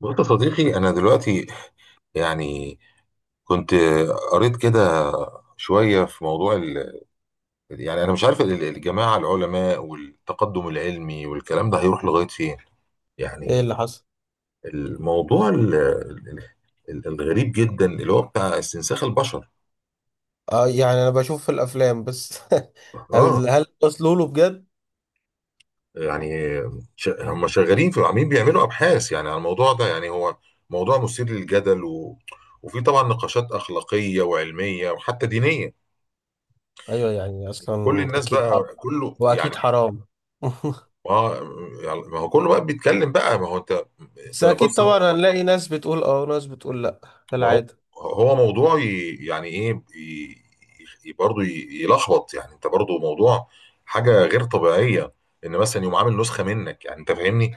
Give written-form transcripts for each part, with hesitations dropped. بص يا صديقي، أنا دلوقتي يعني كنت قريت كده شوية في موضوع يعني أنا مش عارف الجماعة العلماء والتقدم العلمي والكلام ده هيروح لغاية فين. ايه اللي يعني حصل؟ الموضوع الغريب جدا اللي هو بتاع استنساخ البشر. اه، يعني انا بشوف في الافلام بس. اه هل وصلوا له بجد؟ يعني هم شغالين في عاملين بيعملوا أبحاث يعني على الموضوع ده. يعني هو موضوع مثير للجدل وفي طبعا نقاشات أخلاقية وعلمية وحتى دينية. ايوه، يعني كل اصلا الناس اكيد حرام. بقى كله واكيد يعني، حرام. ما يعني، ما هو كله بقى بيتكلم بقى. ما هو انت بس اكيد بص. طبعا هنلاقي ناس بتقول اه وناس بتقول لا، ما هو كالعاده. هو موضوع، ي- يعني ايه ي- ي- برضه ي- يلخبط يعني. انت برضه موضوع حاجه غير طبيعيه، ان مثلا يقوم عامل نسخه منك، يعني انت فاهمني؟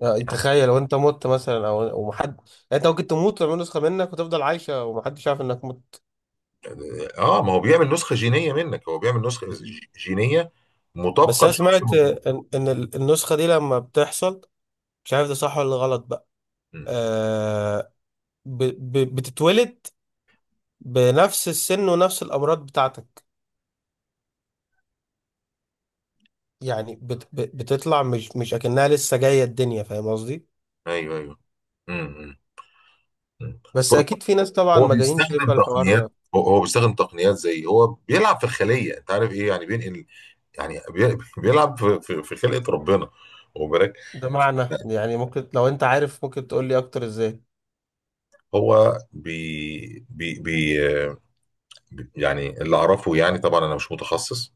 يعني تخيل وانت مت مثلا او ومحد يعني. انت ممكن تموت ويعملوا نسخه منك وتفضل عايشه ومحدش عارف انك مت. اه، ما هو بيعمل نسخه جينيه منك. هو بيعمل نسخه جينيه بس مطابقه انا لشخص سمعت موجود. ان النسخه دي لما بتحصل. مش عارف ده صح ولا غلط بقى. مم. آه. بتتولد بنفس السن ونفس الامراض بتاعتك. يعني بتطلع مش اكنها لسه جايه الدنيا، فاهم قصدي؟ ايوه، ايوه. مم. مم. مم. بس اكيد في ناس طبعا هو مجانين شايفه بيستخدم تقنيات، الحوار هو بيستخدم تقنيات زي هو بيلعب في الخليه. انت عارف ايه يعني؟ بينقل يعني بيلعب في خلقه ربنا، واخد بالك؟ ده. معنى يعني ممكن لو انت عارف ممكن تقول لي اكتر ازاي؟ هو بي بي بي يعني اللي اعرفه. يعني طبعا انا مش متخصص،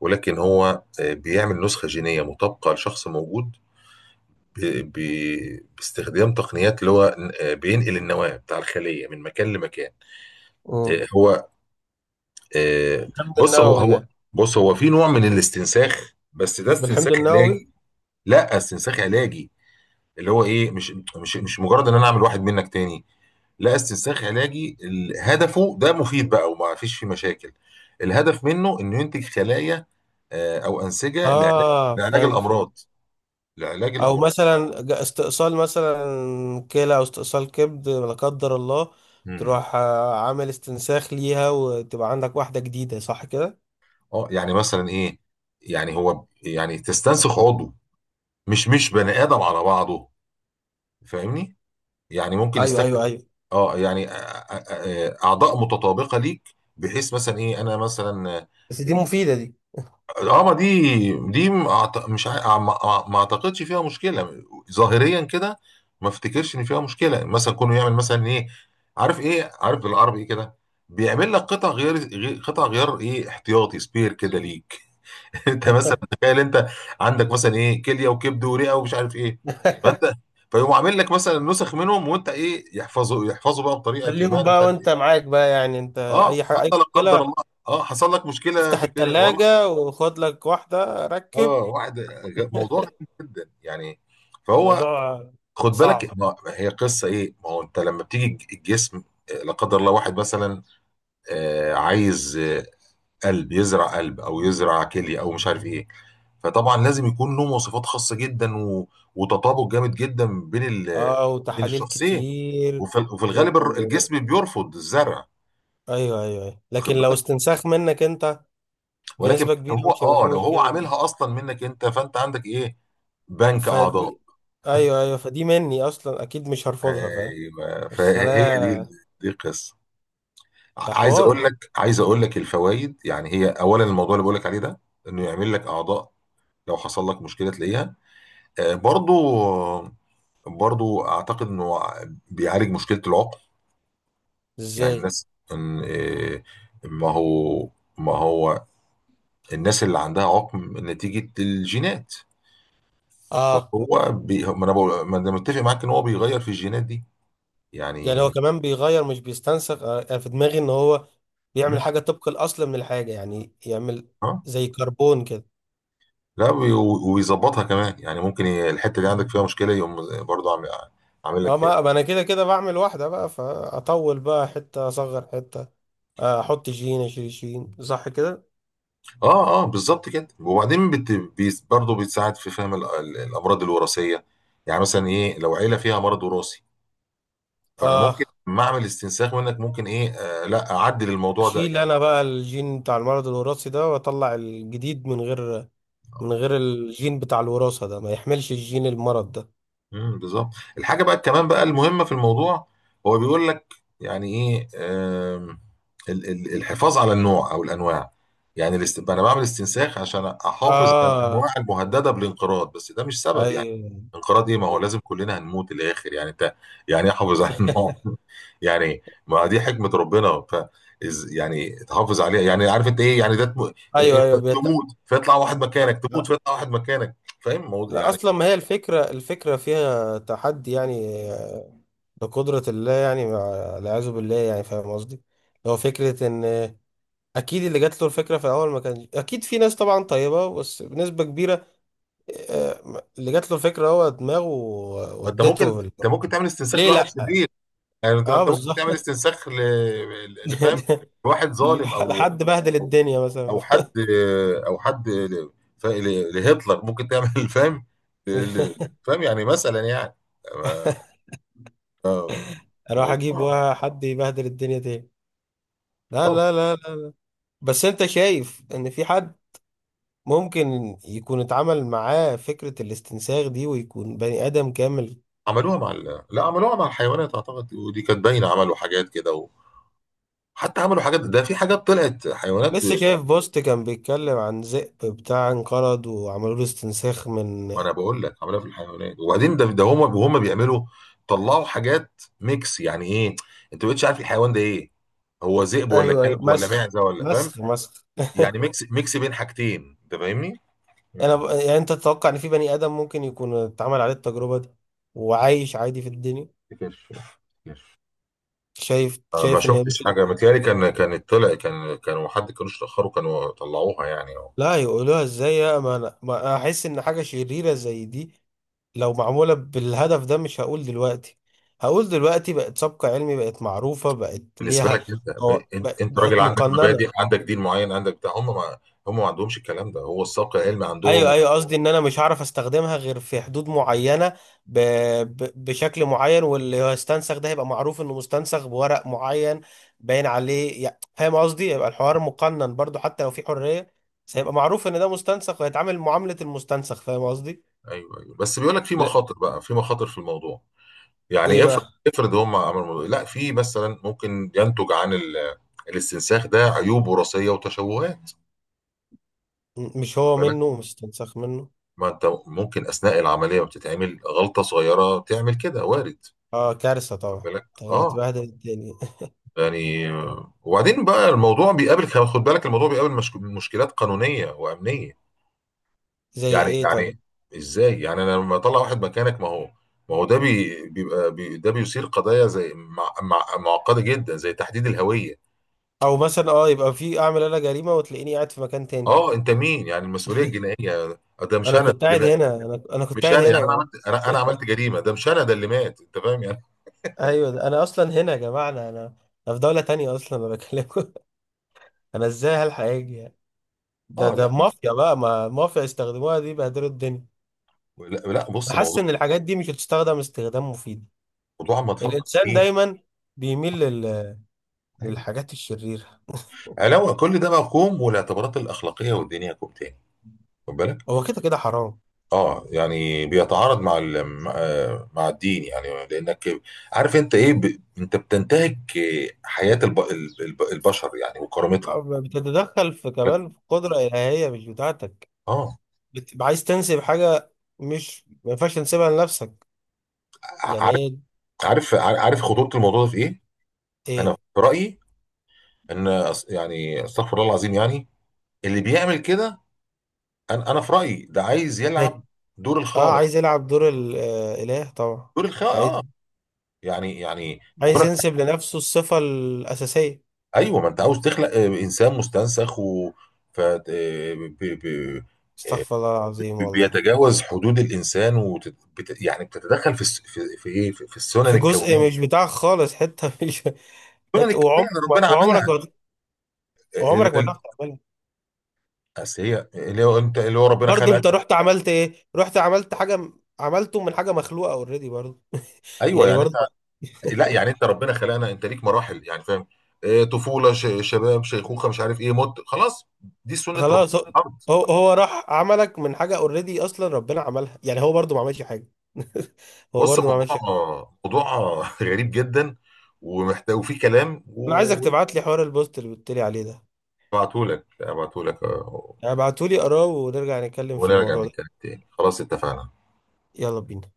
ولكن هو بيعمل نسخه جينيه مطابقه لشخص موجود باستخدام تقنيات اللي هو بينقل النواه بتاع الخليه من مكان لمكان. امم. آه، هو آه، بالحمض بص. هو النووي هو يعني. بص هو في نوع من الاستنساخ، بس ده استنساخ بالحمض النووي. علاجي. لا، استنساخ علاجي اللي هو ايه، مش مجرد ان انا اعمل واحد منك تاني. لا، استنساخ علاجي هدفه ده مفيد بقى، وما فيش فيه مشاكل. الهدف منه انه ينتج خلايا او انسجه لعلاج، اه، لعلاج فهمت فهمت. الامراض، لعلاج او الامراض. مثلا استئصال مثلا كلى او استئصال كبد لا قدر الله. امم. تروح عامل استنساخ ليها وتبقى عندك واحده جديده، صح كده؟ اه، يعني مثلا ايه، يعني هو، يعني تستنسخ عضو، مش بني ادم على بعضه، فاهمني؟ يعني ممكن ايوه يستخدم ايوه ايوه، اه يعني اعضاء متطابقه ليك، بحيث مثلا ايه انا مثلا. بس دي مفيده دي. اه، ما دي م- أعت- مش ع- ما ما- ما اعتقدش فيها مشكله ظاهريا كده. ما افتكرش ان فيها مشكله، مثلا كونه يعمل مثلا ايه، عارف ايه، عارف بالعربي ايه كده، بيعمل لك قطع غيار، ايه، احتياطي، سبير كده ليك. انت مثلا تخيل، انت عندك مثلا ايه كليه وكبد ورئه ومش عارف ايه. فانت فيقوم عامل لك مثلا نسخ منهم، وانت ايه، يحفظوا بقى بطريقه ما، خليهم انا مش بقى عارف وانت ايه. معاك بقى، يعني انت، اه اي حاجه فانت اي لا قدر مشكله. الله، اه حصل لك مشكله افتح في الكليه، والله. التلاجة وخد لك واحده ركب. اه، موضوع غريب جدا يعني. فهو، الموضوع خد بالك، صعب. ما هي قصه ايه. ما هو انت لما بتيجي الجسم، لا قدر الله واحد مثلا عايز قلب، يزرع قلب او يزرع كليه او مش عارف ايه. فطبعا لازم يكون له مواصفات خاصه جدا وتطابق جامد جدا بين اه، بين وتحاليل الشخصين. كتير. وفي و... الغالب و- الجسم بيرفض الزرع، ايوه ايوه ايوه، واخد لكن لو بالك. استنساخ منك انت، ولكن بنسبه لو كبيره هو مش هيبقى اه فيه لو هو مشكله طبعا. عاملها اصلا منك انت، فانت عندك ايه، بنك اعضاء. فدي. ايوه ايوه، فدي مني اصلا اكيد مش هرفضها، فاهم؟ ايوه، فهي دي الخلايا. دي القصه. ده عايز حوار. اقول لك عايز اقول لك الفوائد، يعني هي اولا، الموضوع اللي بقول لك عليه ده انه يعمل لك اعضاء لو حصل لك مشكله تلاقيها. آه، برضو برضو اعتقد انه بيعالج مشكله العقم. يعني ازاي؟ الناس إن إيه، ما هو ما هو الناس اللي عندها عقم نتيجه الجينات. اه، فهو بي ما انا بقول- ما أنا متفق معاك ان هو بيغير في الجينات دي، يعني هو يعني. كمان بيغير مش بيستنسخ. انا في دماغي ان هو مم، بيعمل حاجه طبق الاصل من الحاجه، يعني يعمل اه زي كربون كده. لا ويظبطها كمان. يعني ممكن الحته اللي عندك فيها مشكله يقوم برضو عامل اه، لك. ما انا كده كده بعمل واحده بقى فاطول بقى حته، اصغر حته. احط جين اشيل جين، صح كده؟ اه، اه، بالظبط كده. وبعدين برضه بتساعد في فهم الامراض الوراثيه. يعني مثلا ايه، لو عيله فيها مرض وراثي، فانا ممكن اه، لما اعمل استنساخ منك، ممكن ايه لا اعدل الموضوع ده اشيل يعني. انا بقى الجين بتاع المرض الوراثي ده واطلع الجديد من غير، من آه. غير الجين بتاع الوراثه ده، ما يحملش الجين المرض ده. امم، بالظبط. الحاجه بقى كمان بقى المهمه في الموضوع، هو بيقول لك يعني ايه، الحفاظ على النوع او الانواع. يعني انا بعمل استنساخ عشان احافظ على الانواع اه. المهدده بالانقراض. بس ده مش سبب يعني، ايوه. انقراض ايه، ما هو لازم كلنا هنموت الاخر يعني. انت يعني إيه احافظ على النوع؟ يعني ما دي حكمه ربنا، ف يعني تحافظ عليها يعني. عارف انت ايه يعني؟ إيه، ايوه انت ايوه تموت فيطلع واحد مكانك، تموت فيطلع واحد مكانك، فاهم لا، يعني. اصلا ما هي الفكره فيها تحدي، يعني لقدره الله، يعني والعياذ بالله، يعني فاهم قصدي. هو فكره ان اكيد اللي جات له الفكره في الاول ما كان اكيد في ناس طبعا طيبه بس بنسبه كبيره اللي جات له الفكره، هو دماغه ما انت ممكن ودته انت في ممكن تعمل استنساخ ليه لواحد لا؟ شرير. يعني انت ما اه، انت ممكن تعمل بالظبط. استنساخ لفهم، لواحد ظالم، لحد بهدل او الدنيا مثلا. او حد، او حد ل... لهتلر ممكن تعمل فاهم ل... ل- فاهم يعني مثلا يعني آه، اروح اجيب موضوع. واحد يبهدل الدنيا تاني. لا طب، لا لا لا. بس انت شايف ان في حد ممكن يكون اتعمل معاه فكرة الاستنساخ دي ويكون بني آدم كامل؟ عملوها مع لا، عملوها مع الحيوانات اعتقد، ودي كانت باينه. عملوا حاجات كده، وحتى عملوا حاجات، ده في حاجات طلعت حيوانات. لسه شايف بوست كان بيتكلم عن ذئب بتاع انقرض وعملوا له استنساخ من. ما انا بقول لك عاملها في الحيوانات. وبعدين ده هما بيعملوا، طلعوا حاجات ميكس يعني ايه. انت ما بقتش عارف الحيوان ده ايه، هو ذئب ولا ايوه ايوه، كلب ولا مسخ معزه ولا فاهم. مسخ مسخ. يعني ميكس ميكس بين حاجتين. انت فاهمني؟ انا امم. يعني انت تتوقع ان في بني آدم ممكن يكون اتعمل عليه التجربة دي وعايش عادي في الدنيا؟ كرش، كرش. شايف ما شايف ان شفتش ممكن. حاجه، متهيألي كان كانت طلع كان كانوا حد كانوش تاخروا كانوا طلعوها يعني أهو. لا، يقولوها ازاي يا ما أنا احس ان حاجة شريرة زي دي لو معمولة بالهدف ده، مش هقول دلوقتي، هقول دلوقتي بقت سبق علمي، بقت معروفة، بقت بالنسبه ليها. لك، انت ب- انت انت راجل بقت عندك مبادئ، مقننة. عندك دين معين، عندك بتاع. هم ما عندهمش الكلام ده. هو السبق العلمي ايوه عندهم. ايوه، قصدي ان انا مش هعرف استخدمها غير في حدود معينة، ب... بشكل معين، واللي هو استنسخ ده هيبقى معروف انه مستنسخ بورق معين، باين عليه، يعني فاهم قصدي؟ هيبقى الحوار مقنن برضو حتى لو في حرية، بس هيبقى معروف ان ده مستنسخ وهيتعامل معاملة المستنسخ، فاهم قصدي؟ ايوه، ايوه، بس بيقول لك في لا. مخاطر بقى، في مخاطر في الموضوع. ايه يعني بقى؟ افرض هم عملوا، لا، في مثلا ممكن ينتج عن الاستنساخ ده عيوب وراثيه وتشوهات. مش خد هو بالك، منه، مستنسخ منه. ما انت ممكن اثناء العمليه بتتعمل غلطه صغيره تعمل كده، وارد. اه، كارثة خد طبعا، بالك. طب اه هتبهدل الدنيا. يعني وبعدين بقى الموضوع بيقابل، خد بالك، الموضوع بيقابل مشكلات قانونيه وامنيه. زي ايه طيب؟ يعني ازاي يعني، انا لما اطلع واحد مكانك؟ ما هو ده بي بيبقى بي ده بيثير قضايا زي مع مع معقده جدا، زي تحديد الهويه. او مثلا اه، يبقى في، اعمل انا جريمة وتلاقيني قاعد في مكان تاني. اه، انت مين يعني؟ المسؤوليه الجنائيه، ده مش انا انا كنت اللي قاعد مات، هنا، انا كنت مش قاعد انا هنا يا يعني. انا جماعة. عملت انا أنا عملت جريمه، ده مش انا، ده اللي مات، انت فاهم يعني؟ ايوه، ده انا اصلا هنا يا جماعة، انا. أنا في دولة تانية اصلا، انا بكلمكم. انا ازاي هلحق اجي يعني؟ ده اه ده لا، مافيا بقى، ما مافيا يستخدموها دي بهدلوا الدنيا. لا, لا، بص انا موضوع، حاسس ان الحاجات دي مش هتستخدم استخدام مفيد. موضوع ما تفكر الانسان فيه. دايما بيميل ايوه، للحاجات الشريرة. علاوه كل ده بقى كوم، والاعتبارات الاخلاقيه والدينيه كوم تاني، خد بالك. هو كده كده حرام. اه يعني بيتعارض مع مع مع الدين، يعني لانك عارف انت ايه، انت بتنتهك حياه البشر يعني، وكرامتها، بتتدخل في خد بالك؟ كمان في قدرة إلهية مش بتاعتك. اه. بتبقى عايز تنسب حاجة، مش ما ينفعش تنسبها لنفسك، ع- يعني عارف هي. عارف خطوره الموضوع ده في ايه. انا ايه؟ في رايي ان يعني استغفر الله العظيم يعني، اللي بيعمل كده. انا في رايي ده عايز مات. يلعب دور اه، الخالق، عايز يلعب دور الإله طبعا. دور الخالق، اه. عايز، يعني، عايز كونك، ينسب لنفسه الصفة الأساسية. ايوه ما انت عاوز تخلق انسان مستنسخ، و ف آه، ب- ب- استغفر الله العظيم ب- والله. بيتجاوز حدود الانسان، يعني بتتدخل في الس- في في ايه في في السنن في جزء الكونيه، مش بتاعك خالص، حتة مش السنن حتة، الكونيه اللي ربنا عملها. آه، ال- وعمرك ما ال- تعرف تعملها. اصل هي، اللي هو انت، اللي هو ربنا برضه انت خلقك. رحت عملت ايه، رحت عملت حاجة عملته من حاجة مخلوقة اوريدي، برضه، ايوه يعني يعني. برضه. لا، يعني انت ربنا خلقنا، انت ليك مراحل يعني، فاهم؟ طفوله، شباب، شيخوخه، مش عارف ايه، موت، خلاص. دي سنه ربنا خلاص في هو، الارض. هو راح عملك من حاجه اوريدي اصلا ربنا عملها، يعني هو برضو ما عملش حاجه. هو بص برضو ما الموضوع عملش حاجه. موضوع غريب جدا، ومحتاج، وفي كلام انا عايزك تبعت لي حوار البوست اللي قلت لي عليه ده، وابعته لك، يعني ابعته لي اقراه ونرجع نتكلم في ونرجع الموضوع ده. نتكلم تاني، خلاص اتفقنا. يلا بينا.